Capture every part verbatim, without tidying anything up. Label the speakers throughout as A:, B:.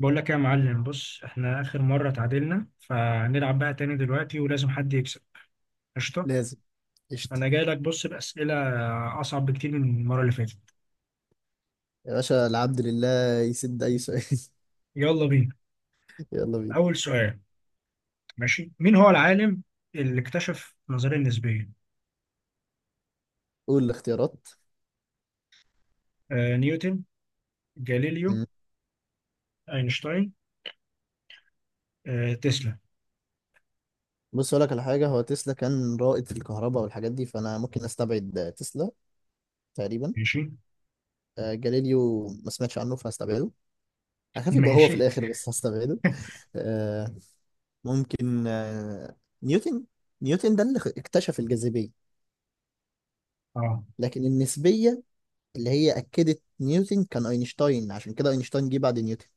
A: بقول لك يا معلم، بص احنا اخر مرة تعادلنا، فهنلعب بقى تاني دلوقتي ولازم حد يكسب. قشطة.
B: لازم. قشطة.
A: انا جاي لك بص بأسئلة اصعب بكتير من المرة اللي فاتت.
B: يا باشا العبد لله يسد أي سؤال.
A: يلا بينا.
B: يلا بينا.
A: اول سؤال: ماشي، مين هو العالم اللي اكتشف النظرية النسبية؟
B: قول الاختيارات.
A: آه، نيوتن، جاليليو،
B: مم.
A: اينشتاين، آه تسلا.
B: بص أقول لك على حاجة، هو تسلا كان رائد في الكهرباء والحاجات دي، فأنا ممكن أستبعد تسلا تقريبا.
A: ماشي
B: آه جاليليو ما سمعتش عنه فهستبعده. هخاف يبقى هو في
A: ماشي.
B: الآخر بس هستبعده. آه ممكن آه نيوتن نيوتن ده اللي اكتشف الجاذبية.
A: اه
B: لكن النسبية اللي هي أكدت نيوتن كان أينشتاين، عشان كده أينشتاين جه بعد نيوتن.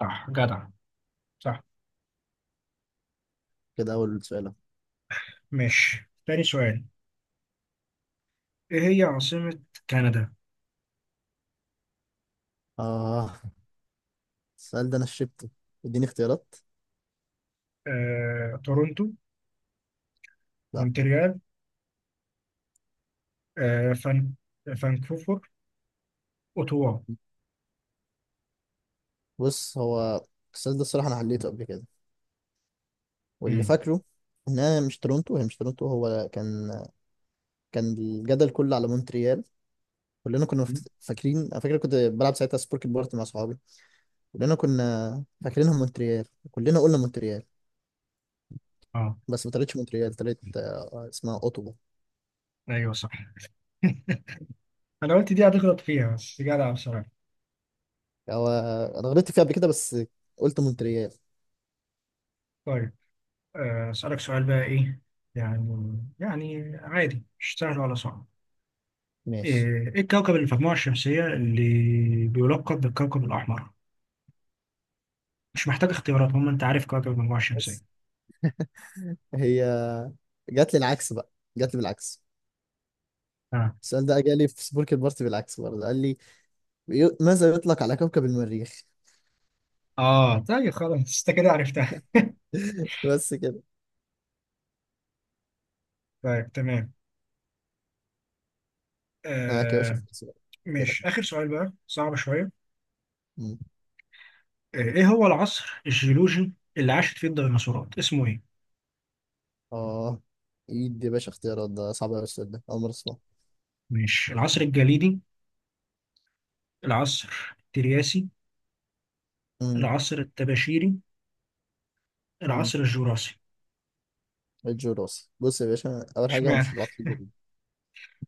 A: صح، جدع، صح.
B: كده أول سؤال أهو.
A: ماشي، تاني سؤال: ايه هي عاصمة كندا؟
B: آه السؤال ده انا شربته. اديني اختيارات.
A: آه، تورونتو،
B: لا.
A: مونتريال، آه فان... فانكوفر، أوتوا.
B: بص هو السؤال ده الصراحه انا حليته قبل كده، واللي
A: مم.
B: فاكره ان انا مش تورونتو، هي مش تورونتو. هو كان كان الجدل كله على مونتريال. كلنا كنا مفت- فاكرين. انا فاكر كنت بلعب ساعتها سبورك بورت مع صحابي. كلنا كنا فاكرينها مونتريال، كلنا قلنا مونتريال.
A: اه
B: بس ما طلعتش مونتريال، طلعت، آه، اسمها اوتوا.
A: ايوه صح انا قلت دي هتغلط فيها، بس جدع بصراحة.
B: هو انا غلطت فيها قبل كده، بس قلت مونتريال.
A: طيب آه، اسألك سؤال بقى، ايه يعني، يعني عادي، مش سهل ولا صعب. ايه
B: ماشي،
A: إيه الكوكب اللي في المجموعة الشمسية اللي بيلقب بالكوكب الأحمر؟ مش محتاج اختيارات، هم انت عارف كوكب المجموعة الشمسية.
B: بس هي جات لي العكس بقى، جات لي بالعكس.
A: اه.
B: السؤال ده جالي في سبورك البارتي بالعكس برضه، قال لي بيو- ماذا يطلق على كوكب المريخ.
A: اه طيب خلاص، انت كده عرفتها.
B: بس كده.
A: طيب تمام.
B: معاك يا باشا
A: آه.
B: في السؤال. قلت لك.
A: مش آخر سؤال بقى، صعب شوية.
B: مم.
A: آه، ايه هو العصر الجيولوجي اللي عاشت فيه الديناصورات، اسمه ايه؟
B: اه، ايد يا باشا اختيارات، ده صعب قوي السؤال ده، اول مره اسمعه.
A: ماشي: العصر الجليدي، العصر الترياسي،
B: مم.
A: العصر الطباشيري،
B: مم.
A: العصر الجوراسي.
B: الجوراس. بص يا باشا، اول حاجه هو مش
A: اشمعنى؟
B: العطف الجوي.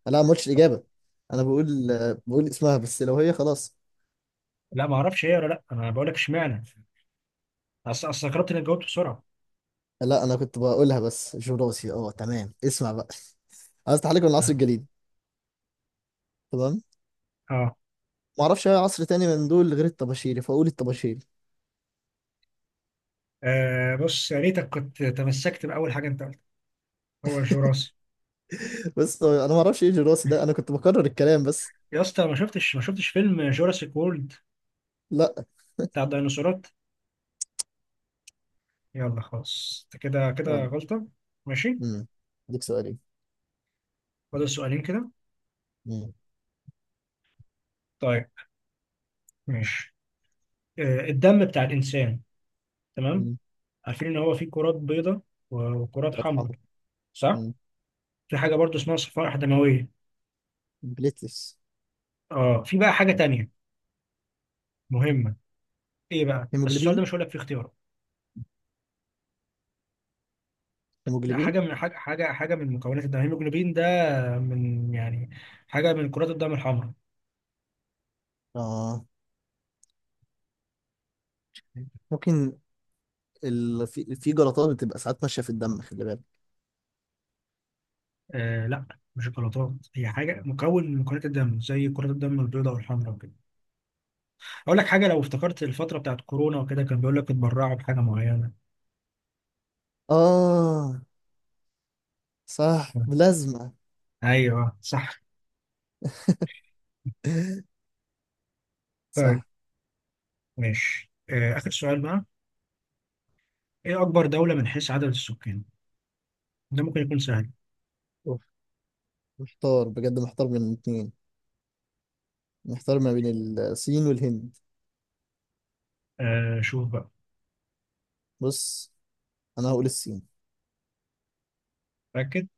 B: لا، ما قلتش الاجابه، انا بقول بقول اسمها بس، لو هي خلاص.
A: لا ما اعرفش ايه ولا لا، انا بقول لك اشمعنى. اصل اصل استغربت انك جاوبت بسرعه.
B: لا انا كنت بقولها بس، جوراسي. اه تمام، اسمع بقى، عايز تحليق من
A: اه.
B: العصر الجليدي. تمام.
A: آه.
B: ما اعرفش اي عصر تاني من دول غير الطباشيري، فاقول الطباشيري.
A: آه، بص يا ريتك كنت تمسكت باول حاجه انت قلتها، هو الجوراسي.
B: بس انا ما اعرفش ايه جراسي ده، انا كنت بكرر الكلام بس.
A: يا اسطى ما شفتش ما شفتش فيلم جوراسيك وورلد
B: لا.
A: بتاع الديناصورات؟ يلا خلاص، أنت كده كده
B: يلا.
A: غلطه. ماشي.
B: امم. اديك سؤالي.
A: فاضل سؤالين كده.
B: امم.
A: طيب ماشي. آه، الدم بتاع الانسان، تمام،
B: امم.
A: عارفين ان هو فيه كرات بيضاء وكرات
B: كرات
A: حمراء،
B: حمراء.
A: صح؟
B: امم.
A: في حاجه برضو اسمها صفائح دمويه.
B: بليتس.
A: اه، في بقى حاجه تانية مهمه، ايه بقى؟ بس السؤال
B: هيموجلوبين.
A: ده مش هقول لك فيه اختيارات. لا،
B: هيموجلوبين.
A: حاجه من حاجه، حاجه حاجه من مكونات الدم، الهيموجلوبين ده آه، من يعني حاجه من كرات الدم الحمراء.
B: اه ممكن، ال... في في جلطات بتبقى ساعات ماشيه في الدم، خلي بالك.
A: آه لا، مش الجلطات، هي حاجه مكون من مكونات الدم زي كرات الدم البيضاء والحمراء وكده. اقول لك حاجه، لو افتكرت الفتره بتاعت كورونا وكده، كان بيقول لك اتبرعوا بحاجه معينه.
B: اه صح،
A: آه،
B: ملازمه.
A: ايوه صح. طيب
B: صح.
A: ماشي. آه، آخر سؤال بقى: إيه أكبر دولة من حيث عدد السكان؟ ده ممكن يكون سهل.
B: أوف. محتار بجد، محتار بين الاثنين، محتار ما بين الصين والهند.
A: آه شوف بقى.
B: بص انا هقول الصين.
A: متأكد؟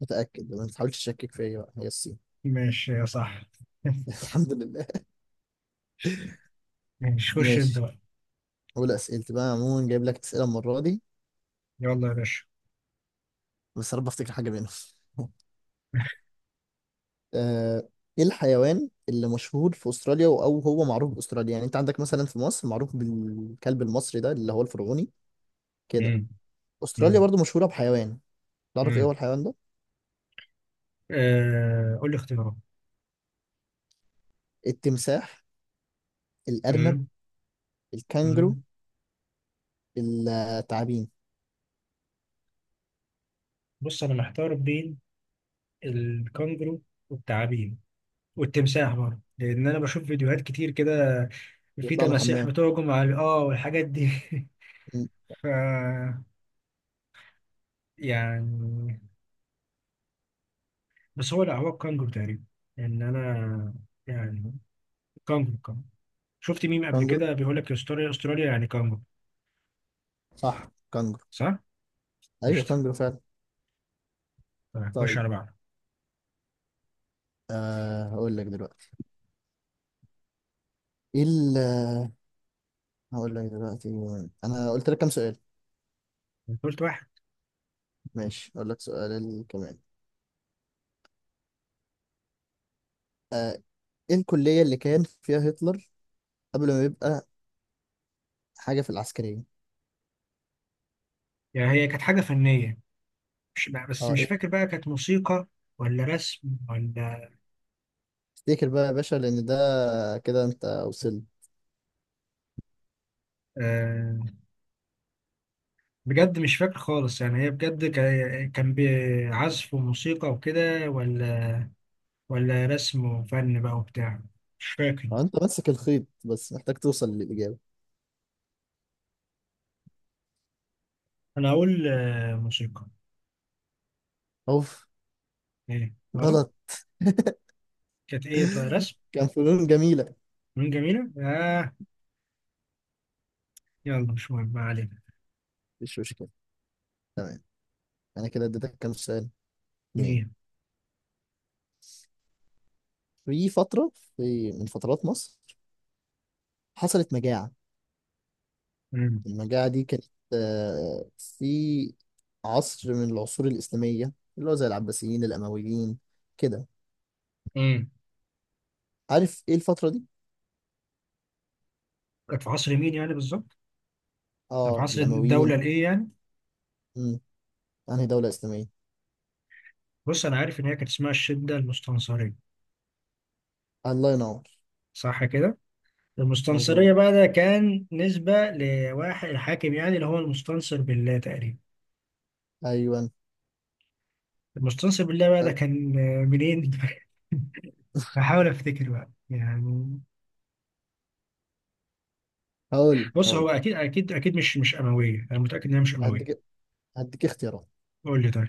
B: متاكد، ما تحاولش تشكك فيا بقى، هي الصين.
A: ماشي يا صح.
B: الحمد لله.
A: ماشي، خش أنت
B: ماشي.
A: بقى.
B: أول أسئلتي بقى، عموما جايب لك أسئلة المرة دي،
A: يلا يا باشا.
B: بس يا رب أفتكر حاجة منهم. آه، إيه الحيوان اللي مشهور في أستراليا، أو هو معروف بأستراليا؟ يعني أنت عندك مثلا في مصر معروف بالكلب المصري ده اللي هو الفرعوني كده.
A: مم.
B: أستراليا
A: مم.
B: برضو مشهورة بحيوان، تعرف إيه
A: مم.
B: هو الحيوان ده؟
A: آه قول لي اختيارات.
B: التمساح، الأرنب،
A: مم.
B: الكانجرو،
A: مم.
B: التعابين.
A: بص أنا محتار بين الكنجرو والتعابين والتمساح برضه، لأن أنا بشوف فيديوهات كتير كده، في
B: بيطلع من
A: تماسيح
B: الحمام.
A: بتهجم على آه والحاجات دي
B: م،
A: ف يعني، بس هو لا، هو الكانجرو تقريبا، ان انا يعني. كانجرو كانجرو، شفت ميم قبل
B: كانجرو،
A: كده بيقول لك استراليا استراليا يعني كانجرو.
B: صح كانجرو.
A: صح؟
B: أيوه
A: قشطه.
B: كانجرو فعلا.
A: طيب، خش
B: طيب.
A: على بعض.
B: آه هقول لك دلوقتي. إيه ال- هقول لك دلوقتي. أنا قلت لك كام سؤال؟
A: قلت واحد.
B: ماشي اقول لك سؤال كمان. آه ايه الكلية اللي كان فيها هتلر قبل ما يبقى حاجة في العسكرية؟
A: يعني هي كانت حاجه فنيه، مش بس
B: اه
A: مش
B: إيه؟
A: فاكر بقى، كانت موسيقى ولا رسم ولا.
B: افتكر بقى يا باشا لان ده كده انت وصلت.
A: آه. بجد مش فاكر خالص، يعني هي بجد كا- كان بعزف وموسيقى وكده، ولا ولا رسم وفن بقى وبتاع، مش فاكر.
B: آه، انت ماسك الخيط، بس محتاج توصل للإجابة.
A: انا هقول آه موسيقى.
B: اوف
A: ايه غلط؟
B: غلط.
A: كانت ايه طيب، رسم؟
B: كان فنون جميلة.
A: مين جميلة؟ آه، يلا مش مهم، ما علينا.
B: مش مشكلة. تمام. أنا كده اديتك كام سؤال؟ اتنين.
A: مين؟
B: في فترة، في من فترات مصر حصلت مجاعة.
A: مم.
B: المجاعة دي كانت، آه، في عصر من العصور الإسلامية اللي هو زي العباسيين الأمويين كده.
A: مم.
B: عارف ايه الفترة دي؟
A: كانت في عصر مين يعني بالظبط؟ كانت في
B: اه
A: عصر الدولة
B: الأمويين.
A: الإيه يعني؟
B: امم. انهي دولة إسلامية؟
A: بص أنا عارف إن هي كانت اسمها الشدة المستنصرية.
B: الله ينور.
A: صح كده؟
B: مظبوط.
A: المستنصرية بقى، ده كان نسبة لواحد الحاكم يعني، اللي هو المستنصر بالله تقريبا.
B: أيوه.
A: المستنصر بالله بقى، ده كان آه، منين؟ بحاول أفتكر بقى يعني.
B: هقول
A: بص، هو
B: هقول
A: أكيد أكيد أكيد مش مش أموية، أنا متأكد إن هي مش أموية.
B: هديك هديك اختيارات.
A: قول لي طيب.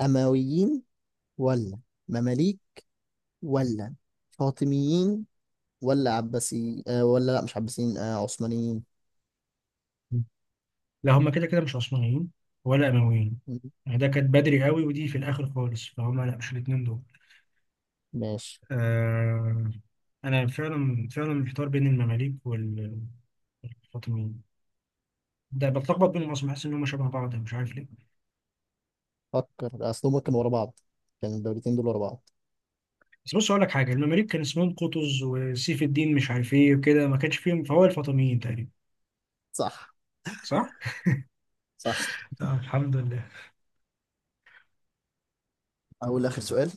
B: أمويين، ولا مماليك، ولا فاطميين، ولا عباسي، آه ولا، لا مش عباسيين، آه عثمانيين.
A: لا هم كده كده مش عثمانيين ولا أمويين،
B: مم.
A: يعني ده كانت بدري قوي ودي في الآخر خالص، فهم لا مش الاتنين دول.
B: ماشي.
A: آه، أنا فعلا فعلا محتار بين المماليك وال- والفاطميين، ده بتلخبط بينهم أصلا، بحس إن هم شبه بعض مش عارف ليه.
B: فكر أصلهم كانوا ورا بعض، كان الدولتين دول ورا بعض.
A: بس بص أقول لك حاجة، المماليك كان اسمهم قطز وسيف الدين مش عارف إيه وكده، ما كانش فيهم، فهو الفاطميين تقريبا.
B: صح.
A: صح؟
B: صح.
A: آه، الحمد لله.
B: أقول آخر سؤال.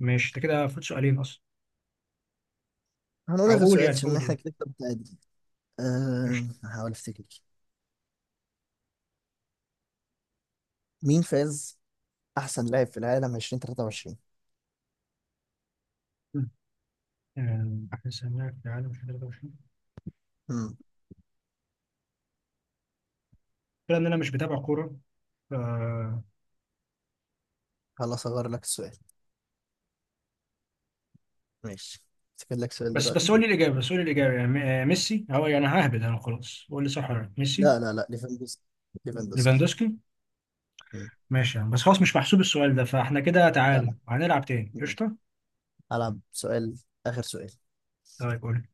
A: ماشي أنت كده فوت سؤالين أصلا.
B: هنقول
A: أو
B: آخر
A: قول
B: سؤال
A: يعني،
B: عشان
A: قول
B: احنا
A: قول.
B: كده كده متعادل. أه
A: قشطة.
B: هحاول أفتكر. مين فاز احسن لاعب في العالم ألفين وتلاتة وعشرين؟
A: آه، أحسن لاعب في العالم في ثلاثة وعشرين.
B: امم.
A: كده ان انا مش بتابع كوره، ف...
B: خلاص اغير لك السؤال. ماشي، افتكر لك سؤال
A: بس بس
B: دلوقتي.
A: قول لي الاجابه، بس قول لي الاجابه يعني م- آه، ميسي هو يعني؟ ههبد انا، خلاص قول لي صح ولا لا، ميسي؟
B: لا لا لا، ليفاندوسكي، ليفاندوسكي.
A: ليفاندوسكي.
B: مم.
A: ماشي يا عم، بس خلاص مش محسوب السؤال ده، فاحنا كده
B: لا
A: تعادل،
B: لا.
A: هنلعب تاني.
B: ماشي.
A: قشطه.
B: هلعب سؤال، اخر سؤال.
A: طيب قول لي.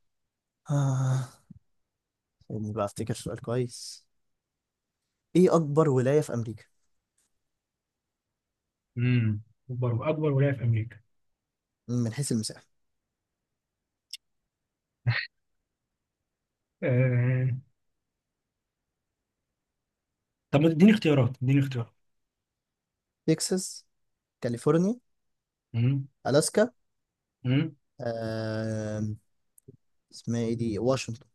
B: آه. سيبني بقى افتكر سؤال كويس. ايه اكبر ولاية في امريكا
A: امم، اكبر اكبر ولايه في امريكا.
B: من حيث المساحة؟
A: آه... طب ما تديني اختيارات، اديني اختيارات.
B: تكساس، كاليفورنيا،
A: امم.
B: الاسكا،
A: امم.
B: آه... اسمها ايه دي، واشنطن.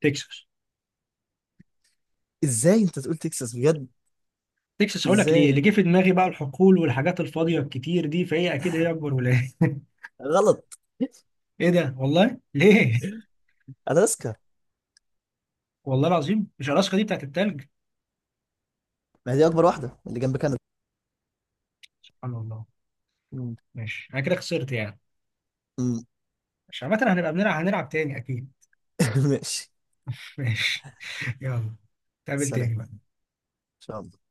A: تكساس.
B: ازاي انت تقول تكساس بجد؟
A: تكساس هقول لك ليه،
B: ازاي،
A: اللي جه في دماغي بقى الحقول والحاجات الفاضيه الكتير دي، فهي اكيد هي اكبر ولايه
B: غلط.
A: ايه ده والله، ليه؟
B: الاسكا.
A: والله العظيم مش الاسكا دي بتاعت التلج.
B: ما هي دي اكبر واحدة اللي جنب كندا.
A: سبحان الله.
B: مم.
A: ماشي، انا كده خسرت يعني.
B: مم.
A: مش عامة، هنبقى بنلعب، هنلعب تاني اكيد.
B: ماشي.
A: ماشي. يلا، نتقابل
B: سلام
A: تاني
B: ان
A: بقى.
B: شاء الله.